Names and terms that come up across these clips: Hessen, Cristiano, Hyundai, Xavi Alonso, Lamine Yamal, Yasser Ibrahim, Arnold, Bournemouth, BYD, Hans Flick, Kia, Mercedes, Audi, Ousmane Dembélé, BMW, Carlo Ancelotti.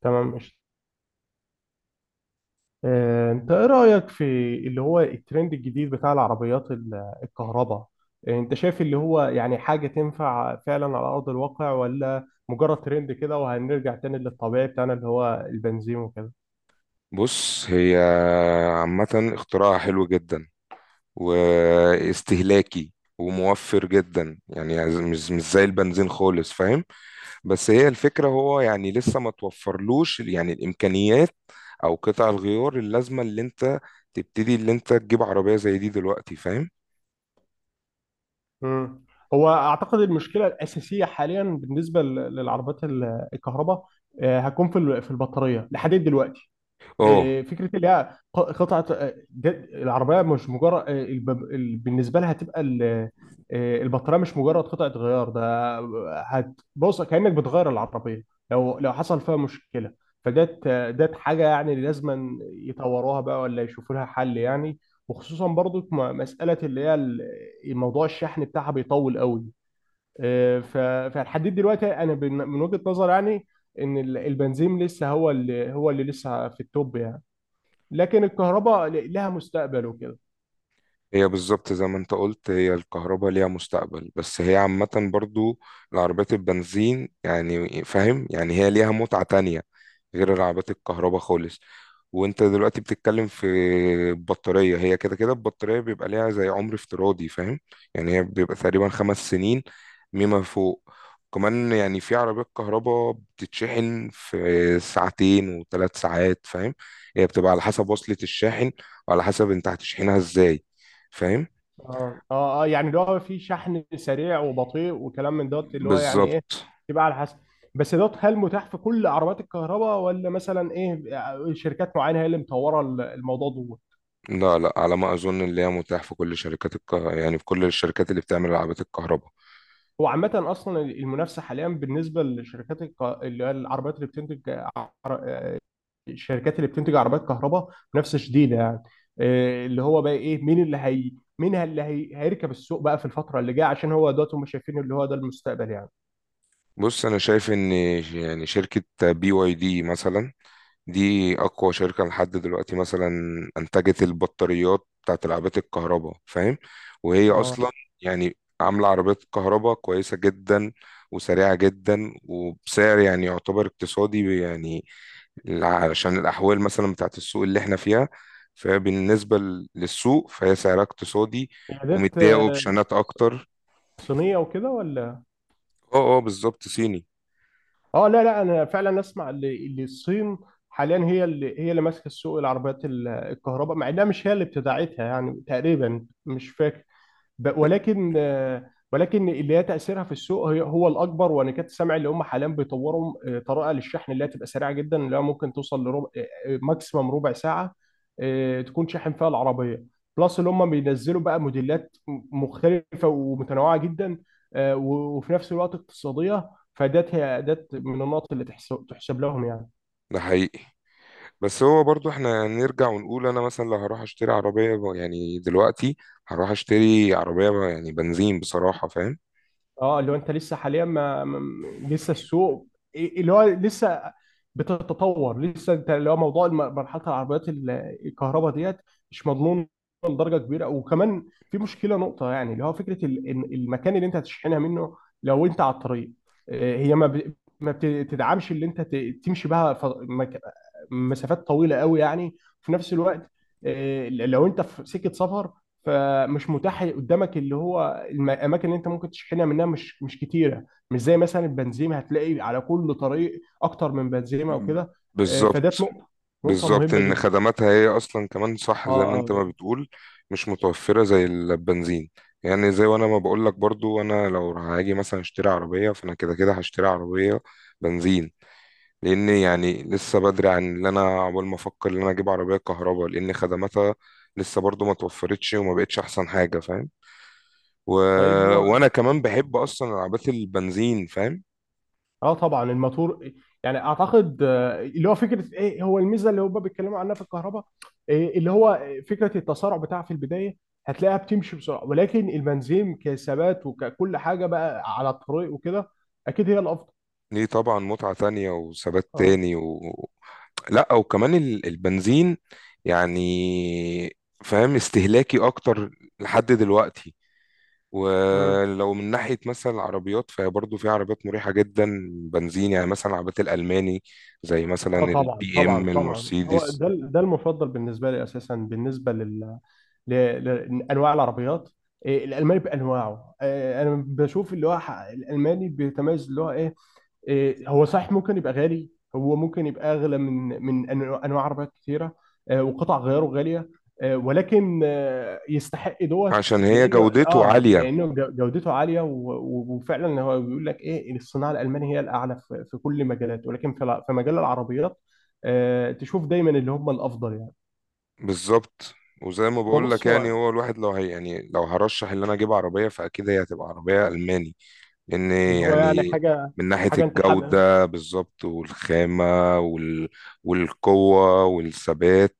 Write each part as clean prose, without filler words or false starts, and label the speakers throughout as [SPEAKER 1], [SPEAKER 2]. [SPEAKER 1] تمام، ماشي. انت ايه رأيك في اللي هو الترند الجديد بتاع العربيات الكهرباء؟ انت شايف اللي هو يعني حاجة تنفع فعلا على أرض الواقع، ولا مجرد ترند كده وهنرجع تاني للطبيعي بتاعنا اللي هو البنزين وكده؟
[SPEAKER 2] بص، هي عامة اختراع حلو جدا، واستهلاكي وموفر جدا. يعني مش زي البنزين خالص، فاهم؟ بس هي الفكرة، هو يعني لسه ما توفرلوش يعني الإمكانيات أو قطع الغيار اللازمة، اللي أنت تجيب عربية زي دي دلوقتي، فاهم؟
[SPEAKER 1] مم. هو اعتقد المشكلة الأساسية حاليا بالنسبة للعربيات الكهرباء هتكون في البطارية لحد دلوقتي.
[SPEAKER 2] اه،
[SPEAKER 1] فكره اللي هي قطعه، العربيه مش مجرد بالنسبه لها هتبقى البطاريه مش مجرد قطعه غيار ده. هتبص كانك بتغير العربيه لو حصل فيها مشكله. فدت دت حاجه يعني لازم يطوروها بقى ولا يشوفوا لها حل يعني. وخصوصا برضو مساله اللي هي موضوع الشحن بتاعها بيطول قوي. آه، ف- فلحد دلوقتي انا من وجهه نظر يعني ان البنزين لسه هو اللي لسه في التوب يعني. لكن الكهرباء لها مستقبل وكده.
[SPEAKER 2] هي بالظبط زي ما انت قلت، هي الكهرباء ليها مستقبل، بس هي عامة برضو العربيات البنزين، يعني فاهم، يعني هي ليها متعة تانية غير العربيات الكهرباء خالص. وانت دلوقتي بتتكلم في البطارية، هي كده كده البطارية بيبقى ليها زي عمر افتراضي، فاهم؟ يعني هي بيبقى تقريبا 5 سنين مما فوق. كمان يعني في عربيات كهرباء بتتشحن في ساعتين وثلاث ساعات، فاهم؟ هي بتبقى على حسب وصلة الشاحن، وعلى حسب انت هتشحنها ازاي، فاهم؟
[SPEAKER 1] اه، اه، يعني اللي هو في شحن سريع وبطيء وكلام من دوت اللي هو يعني ايه،
[SPEAKER 2] بالظبط.
[SPEAKER 1] تبقى على حسب. بس دوت هل متاح في كل عربيات الكهرباء ولا مثلا ايه؟ شركات معينه هي اللي مطوره الموضوع دوت؟
[SPEAKER 2] لا لا، على ما اظن اللي هي متاح في كل يعني في كل الشركات اللي بتعمل العابات الكهرباء.
[SPEAKER 1] هو عامة أصلا المنافسة حاليا بالنسبة لشركات اللي هي العربيات اللي بتنتج، الشركات اللي بتنتج عربيات كهرباء، منافسه شديده يعني. إيه اللي هو بقى ايه مين اللي هي، مين اللي هي هيركب السوق بقى في الفتره اللي جايه، عشان هو دلوقتي هم شايفين اللي هو ده المستقبل يعني.
[SPEAKER 2] بص، انا شايف ان يعني شركة BYD مثلا، دي اقوى شركة لحد دلوقتي. مثلا انتجت البطاريات بتاعت العابات الكهرباء، فاهم؟ وهي
[SPEAKER 1] اه.
[SPEAKER 2] اصلا يعني عاملة عربيات كهرباء كويسة جدا وسريعة جدا وبسعر يعني يعتبر اقتصادي. يعني علشان الأحوال مثلا بتاعت السوق اللي احنا فيها، فبالنسبة للسوق فهي سعرها اقتصادي.
[SPEAKER 1] قيادات
[SPEAKER 2] ومتضايقوا بشنات أكتر.
[SPEAKER 1] صينيه وكده ولا؟
[SPEAKER 2] اه اه، بالظبط، صيني.
[SPEAKER 1] اه. لا، لا، انا فعلا اسمع اللي الصين حاليا هي اللي هي اللي ماسكه السوق العربيات الكهرباء، مع انها مش هي اللي ابتدعتها يعني تقريبا مش فاكر. ولكن ولكن اللي هي تاثيرها في السوق هو الاكبر، وانا كنت سامع اللي هم حاليا بيطوروا طريقه للشحن اللي هي تبقى سريعه جدا، اللي هي ممكن توصل لربع، ماكسيمم ربع ساعه، تكون شاحن فيها العربيه. بلس اللي هم بينزلوا بقى موديلات مختلفه ومتنوعه جدا، وفي نفس الوقت اقتصاديه. فدات هي دات من النقط اللي تحسب لهم يعني.
[SPEAKER 2] ده حقيقي. بس هو برضو احنا نرجع ونقول، انا مثلا لو هروح اشتري عربية يعني دلوقتي، هروح اشتري عربية يعني بنزين بصراحة، فاهم؟
[SPEAKER 1] اه، اللي هو انت لسه حاليا لسه السوق اللي هو لسه بتتطور، لسه انت اللي هو موضوع مرحله العربيات الكهرباء ديت مش مضمون لدرجه كبيره. وكمان في مشكله نقطه يعني، اللي هو فكره إن المكان اللي انت هتشحنها منه لو انت على الطريق، هي ما بتدعمش اللي انت تمشي بها مسافات طويله قوي يعني. في نفس الوقت لو انت في سكه سفر فمش متاح قدامك اللي هو الاماكن اللي انت ممكن تشحنها منها مش كتيره، مش زي مثلا البنزيمه هتلاقي على كل طريق اكتر من بنزيمه او كده.
[SPEAKER 2] بالظبط،
[SPEAKER 1] فدات نقطه، نقطه
[SPEAKER 2] بالظبط،
[SPEAKER 1] مهمه
[SPEAKER 2] ان
[SPEAKER 1] جدا.
[SPEAKER 2] خدماتها هي اصلا كمان، صح زي
[SPEAKER 1] اه،
[SPEAKER 2] ما انت
[SPEAKER 1] اه.
[SPEAKER 2] ما بتقول، مش متوفره زي البنزين. يعني زي وانا ما بقول لك برضو، انا لو هاجي مثلا اشتري عربيه فانا كده كده هشتري عربيه بنزين. لان يعني لسه بدري عن اللي انا عقبال ما افكر ان انا اجيب عربيه كهرباء، لان خدماتها لسه برضو ما توفرتش وما بقتش احسن حاجه، فاهم؟ و...
[SPEAKER 1] طيب هو.
[SPEAKER 2] وانا كمان بحب اصلا العربيات البنزين، فاهم؟
[SPEAKER 1] اه طبعا الماتور. يعني اعتقد اللي هو فكره ايه هو الميزه اللي هم بيتكلموا عنها في الكهرباء، إيه اللي هو فكره التسارع بتاعها في البدايه هتلاقيها بتمشي بسرعه. ولكن البنزين كثبات وككل حاجه بقى على الطريق وكده اكيد هي الافضل.
[SPEAKER 2] ليه؟ طبعا متعة تانية وثبات تاني. لا، وكمان البنزين يعني فاهم استهلاكي اكتر لحد دلوقتي.
[SPEAKER 1] اه،
[SPEAKER 2] ولو من ناحية مثلا العربيات فهي برضه في عربيات مريحة جدا بنزين، يعني مثلا العربيات الألماني زي مثلا
[SPEAKER 1] اه، طبعا،
[SPEAKER 2] البي
[SPEAKER 1] طبعا،
[SPEAKER 2] ام
[SPEAKER 1] طبعا. هو
[SPEAKER 2] المرسيدس.
[SPEAKER 1] ده المفضل بالنسبه لي اساسا بالنسبه لل لانواع العربيات. إيه، الالماني بانواعه، إيه، انا بشوف اللي هو الالماني بيتميز اللي هو ايه. إيه، هو صحيح ممكن يبقى غالي، هو ممكن يبقى اغلى من انواع عربيات كثيره، وقطع غياره غاليه، ولكن يستحق دوت.
[SPEAKER 2] عشان هي
[SPEAKER 1] لانه
[SPEAKER 2] جودته
[SPEAKER 1] اه
[SPEAKER 2] عالية.
[SPEAKER 1] لانه جودته عاليه وفعلا هو بيقول لك ايه إن الصناعه الالمانيه هي الاعلى في كل مجالات. ولكن في في مجال العربيات تشوف دايما اللي هم الافضل يعني.
[SPEAKER 2] بالظبط. وزي ما
[SPEAKER 1] هو
[SPEAKER 2] بقول لك،
[SPEAKER 1] بص
[SPEAKER 2] يعني
[SPEAKER 1] هو
[SPEAKER 2] هو الواحد لو هي يعني لو هرشح ان انا اجيب عربية فاكيد هي هتبقى عربية ألماني. لان
[SPEAKER 1] اللي هو يعني
[SPEAKER 2] يعني
[SPEAKER 1] حاجه،
[SPEAKER 2] من ناحية
[SPEAKER 1] حاجه انت حابب.
[SPEAKER 2] الجودة، بالظبط، والخامة والقوة والثبات.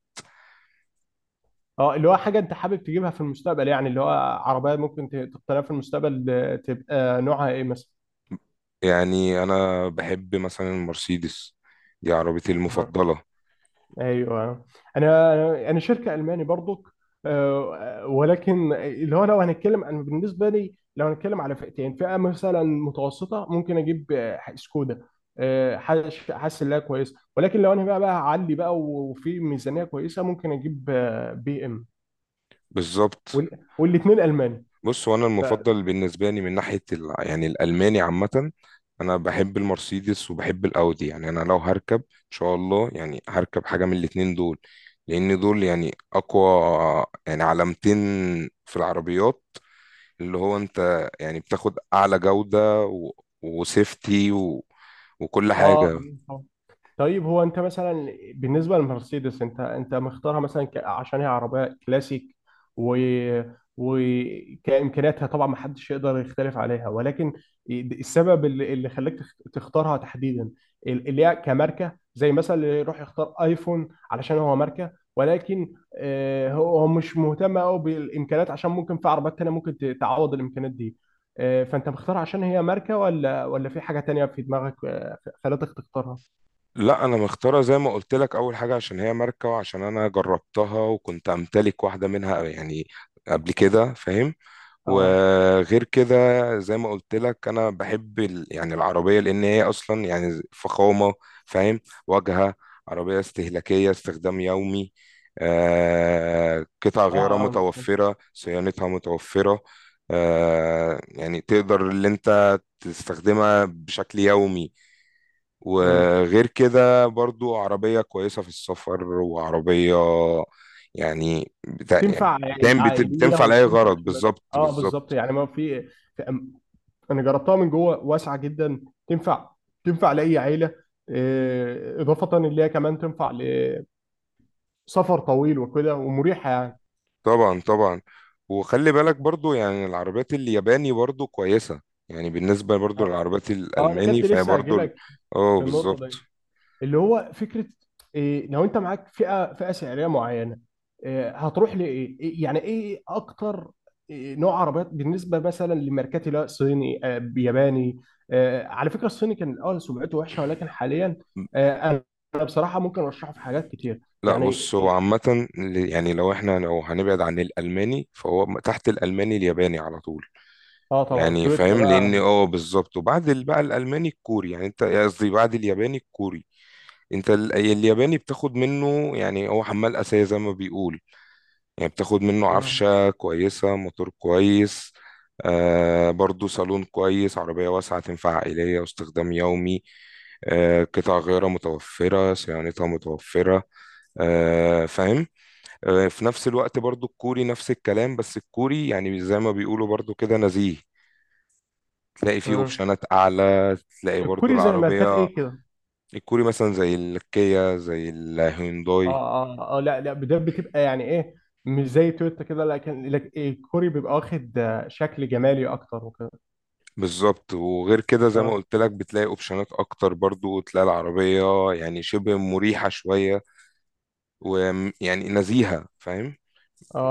[SPEAKER 1] اه، اللي هو حاجه انت حابب تجيبها في المستقبل يعني، اللي هو عربيه ممكن تقتنيها في المستقبل، تبقى نوعها ايه مثلا؟
[SPEAKER 2] يعني انا بحب مثلا المرسيدس، دي عربيتي
[SPEAKER 1] مم.
[SPEAKER 2] المفضلة.
[SPEAKER 1] ايوه. انا انا أنا شركه الماني برضك، ولكن اللي هو لو هنتكلم انا بالنسبه لي لو هنتكلم على فئتين، فئه مثلا متوسطه ممكن اجيب سكودا، حاسس انها كويسه. ولكن لو انا بقى هعلي بقى وفي ميزانيه كويسه ممكن اجيب بي ام،
[SPEAKER 2] بالظبط.
[SPEAKER 1] والاثنين الماني.
[SPEAKER 2] بص، وانا
[SPEAKER 1] ف،
[SPEAKER 2] المفضل بالنسبة لي من ناحية يعني الالماني عامة. انا بحب المرسيدس وبحب الاودي. يعني انا لو هركب ان شاء الله، يعني هركب حاجة من الاتنين دول، لان دول يعني اقوى يعني علامتين في العربيات. اللي هو انت يعني بتاخد اعلى جودة وسيفتي وكل
[SPEAKER 1] اه.
[SPEAKER 2] حاجة.
[SPEAKER 1] طيب هو انت مثلا بالنسبه للمرسيدس انت مختارها مثلا عشان هي عربيه كلاسيك، و وكامكانياتها طبعا ما حدش يقدر يختلف عليها. ولكن السبب اللي خلاك تختارها تحديدا، اللي هي كماركه، زي مثلا اللي يروح يختار ايفون علشان هو ماركه، ولكن هو هو مش مهتم قوي بالامكانيات عشان ممكن في عربيات تانيه ممكن تعوض الامكانيات دي. فانت مختارها عشان هي ماركه ولا في حاجه تانيه في دماغك خلتك تختارها؟
[SPEAKER 2] لا، انا مختارة زي ما قلت لك، اول حاجة عشان هي ماركة، وعشان انا جربتها وكنت امتلك واحدة منها يعني قبل كده، فاهم؟
[SPEAKER 1] اه،
[SPEAKER 2] وغير كده، زي ما قلت لك انا بحب يعني العربيه لان هي اصلا يعني فخامه، فاهم؟ واجهه عربيه استهلاكيه استخدام يومي. قطع
[SPEAKER 1] اه،
[SPEAKER 2] غيارها
[SPEAKER 1] اه.
[SPEAKER 2] متوفره، صيانتها متوفره. يعني تقدر اللي انت تستخدمها بشكل يومي.
[SPEAKER 1] أمم.
[SPEAKER 2] وغير كده برضو عربيه كويسه في السفر، وعربيه يعني بتا...
[SPEAKER 1] تنفع
[SPEAKER 2] يعني بتن- بت-
[SPEAKER 1] عائليه
[SPEAKER 2] بتنفع لأي
[SPEAKER 1] وبتنفع
[SPEAKER 2] غرض،
[SPEAKER 1] شباب.
[SPEAKER 2] بالظبط،
[SPEAKER 1] اه، بالظبط.
[SPEAKER 2] بالظبط.
[SPEAKER 1] يعني ما في في- أم- انا جربتها من جوه واسعه جدا، تنفع، تنفع لاي عيله، اضافه ان هي كمان تنفع لسفر طويل وكده ومريحه يعني.
[SPEAKER 2] طبعا طبعا. وخلي بالك برضو يعني العربيات الياباني برضو كويسة. يعني بالنسبة برضو
[SPEAKER 1] اه،
[SPEAKER 2] للعربيات
[SPEAKER 1] انا
[SPEAKER 2] الألماني
[SPEAKER 1] كنت
[SPEAKER 2] فهي
[SPEAKER 1] لسه هاجي
[SPEAKER 2] برضو
[SPEAKER 1] لك في النقطه
[SPEAKER 2] بالظبط.
[SPEAKER 1] دي، اللي هو فكره إيه لو انت معاك فئه، فئه سعريه معينه، إيه هتروح لايه؟ يعني ايه اكتر، إيه نوع عربيات بالنسبه مثلا لماركات اللي هو صيني، ياباني؟ على فكره الصيني كان الاول سمعته وحشه ولكن حاليا آه، انا أنا بصراحه ممكن ارشحه في حاجات كتير.
[SPEAKER 2] لا،
[SPEAKER 1] يعني
[SPEAKER 2] بص، هو
[SPEAKER 1] إيه؟
[SPEAKER 2] عامة يعني لو هنبعد عن الألماني فهو تحت الألماني الياباني على طول.
[SPEAKER 1] اه، طبعا
[SPEAKER 2] يعني
[SPEAKER 1] تويوتا
[SPEAKER 2] فاهم؟ لأن
[SPEAKER 1] بقى.
[SPEAKER 2] بالظبط. وبعد بقى الألماني الكوري، يعني انت قصدي بعد الياباني الكوري. انت الياباني بتاخد منه يعني هو حمال أساسي زي ما بيقول. يعني بتاخد منه
[SPEAKER 1] مم.
[SPEAKER 2] عفشة كويسة، موتور كويس، برضو صالون كويس، عربية واسعة تنفع عائلية واستخدام يومي. قطع غيارها متوفرة، صيانتها متوفرة، فاهم؟ في نفس الوقت برضو الكوري نفس الكلام، بس الكوري يعني زي ما بيقولوا برضو كده نزيه. تلاقي فيه
[SPEAKER 1] مم.
[SPEAKER 2] اوبشنات اعلى، تلاقي برضو
[SPEAKER 1] الكوري زي ماركات
[SPEAKER 2] العربية.
[SPEAKER 1] ايه كده؟
[SPEAKER 2] الكوري مثلا زي الكيا، زي الهيونداي.
[SPEAKER 1] اه، اه، اه، لا، لا، ده بتبقى يعني ايه، مش زي تويوتا كده. لكن الكوري بيبقى واخد شكل جمالي اكتر وكده.
[SPEAKER 2] بالظبط، وغير كده زي ما
[SPEAKER 1] اه،
[SPEAKER 2] قلت لك بتلاقي اوبشنات اكتر، برضو تلاقي العربية يعني شبه مريحة شوية، ويعني نزيهة، فاهم؟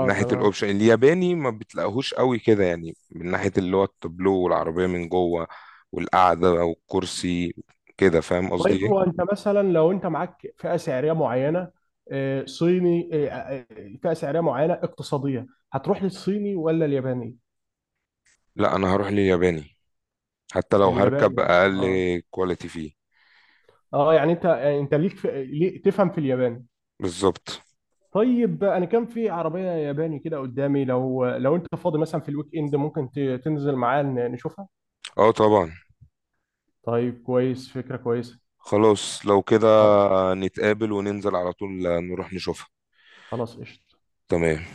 [SPEAKER 2] من ناحية
[SPEAKER 1] تمام.
[SPEAKER 2] الاوبشن، الياباني ما بتلاقيهوش قوي كده، يعني من ناحية اللي هو التابلو والعربية من جوه والقعدة والكرسي، كده فاهم قصدي
[SPEAKER 1] طيب
[SPEAKER 2] ايه؟
[SPEAKER 1] هو انت مثلا لو انت معاك فئه سعريه معينه، صيني فئه سعريه معينه اقتصاديه، هتروح للصيني ولا الياباني؟
[SPEAKER 2] لا، انا هروح للياباني، حتى لو هركب
[SPEAKER 1] الياباني.
[SPEAKER 2] اقل
[SPEAKER 1] اه،
[SPEAKER 2] كواليتي فيه.
[SPEAKER 1] اه. يعني انت، يعني انت ليك في ليه تفهم في الياباني.
[SPEAKER 2] بالظبط.
[SPEAKER 1] طيب انا كان في عربيه ياباني كده قدامي، لو انت فاضي مثلا في الويك اند ممكن تنزل معايا نشوفها؟
[SPEAKER 2] اه طبعا.
[SPEAKER 1] طيب كويس، فكره كويسه.
[SPEAKER 2] خلاص لو كده، نتقابل وننزل على طول نروح نشوفها.
[SPEAKER 1] خلاص قشطه.
[SPEAKER 2] تمام.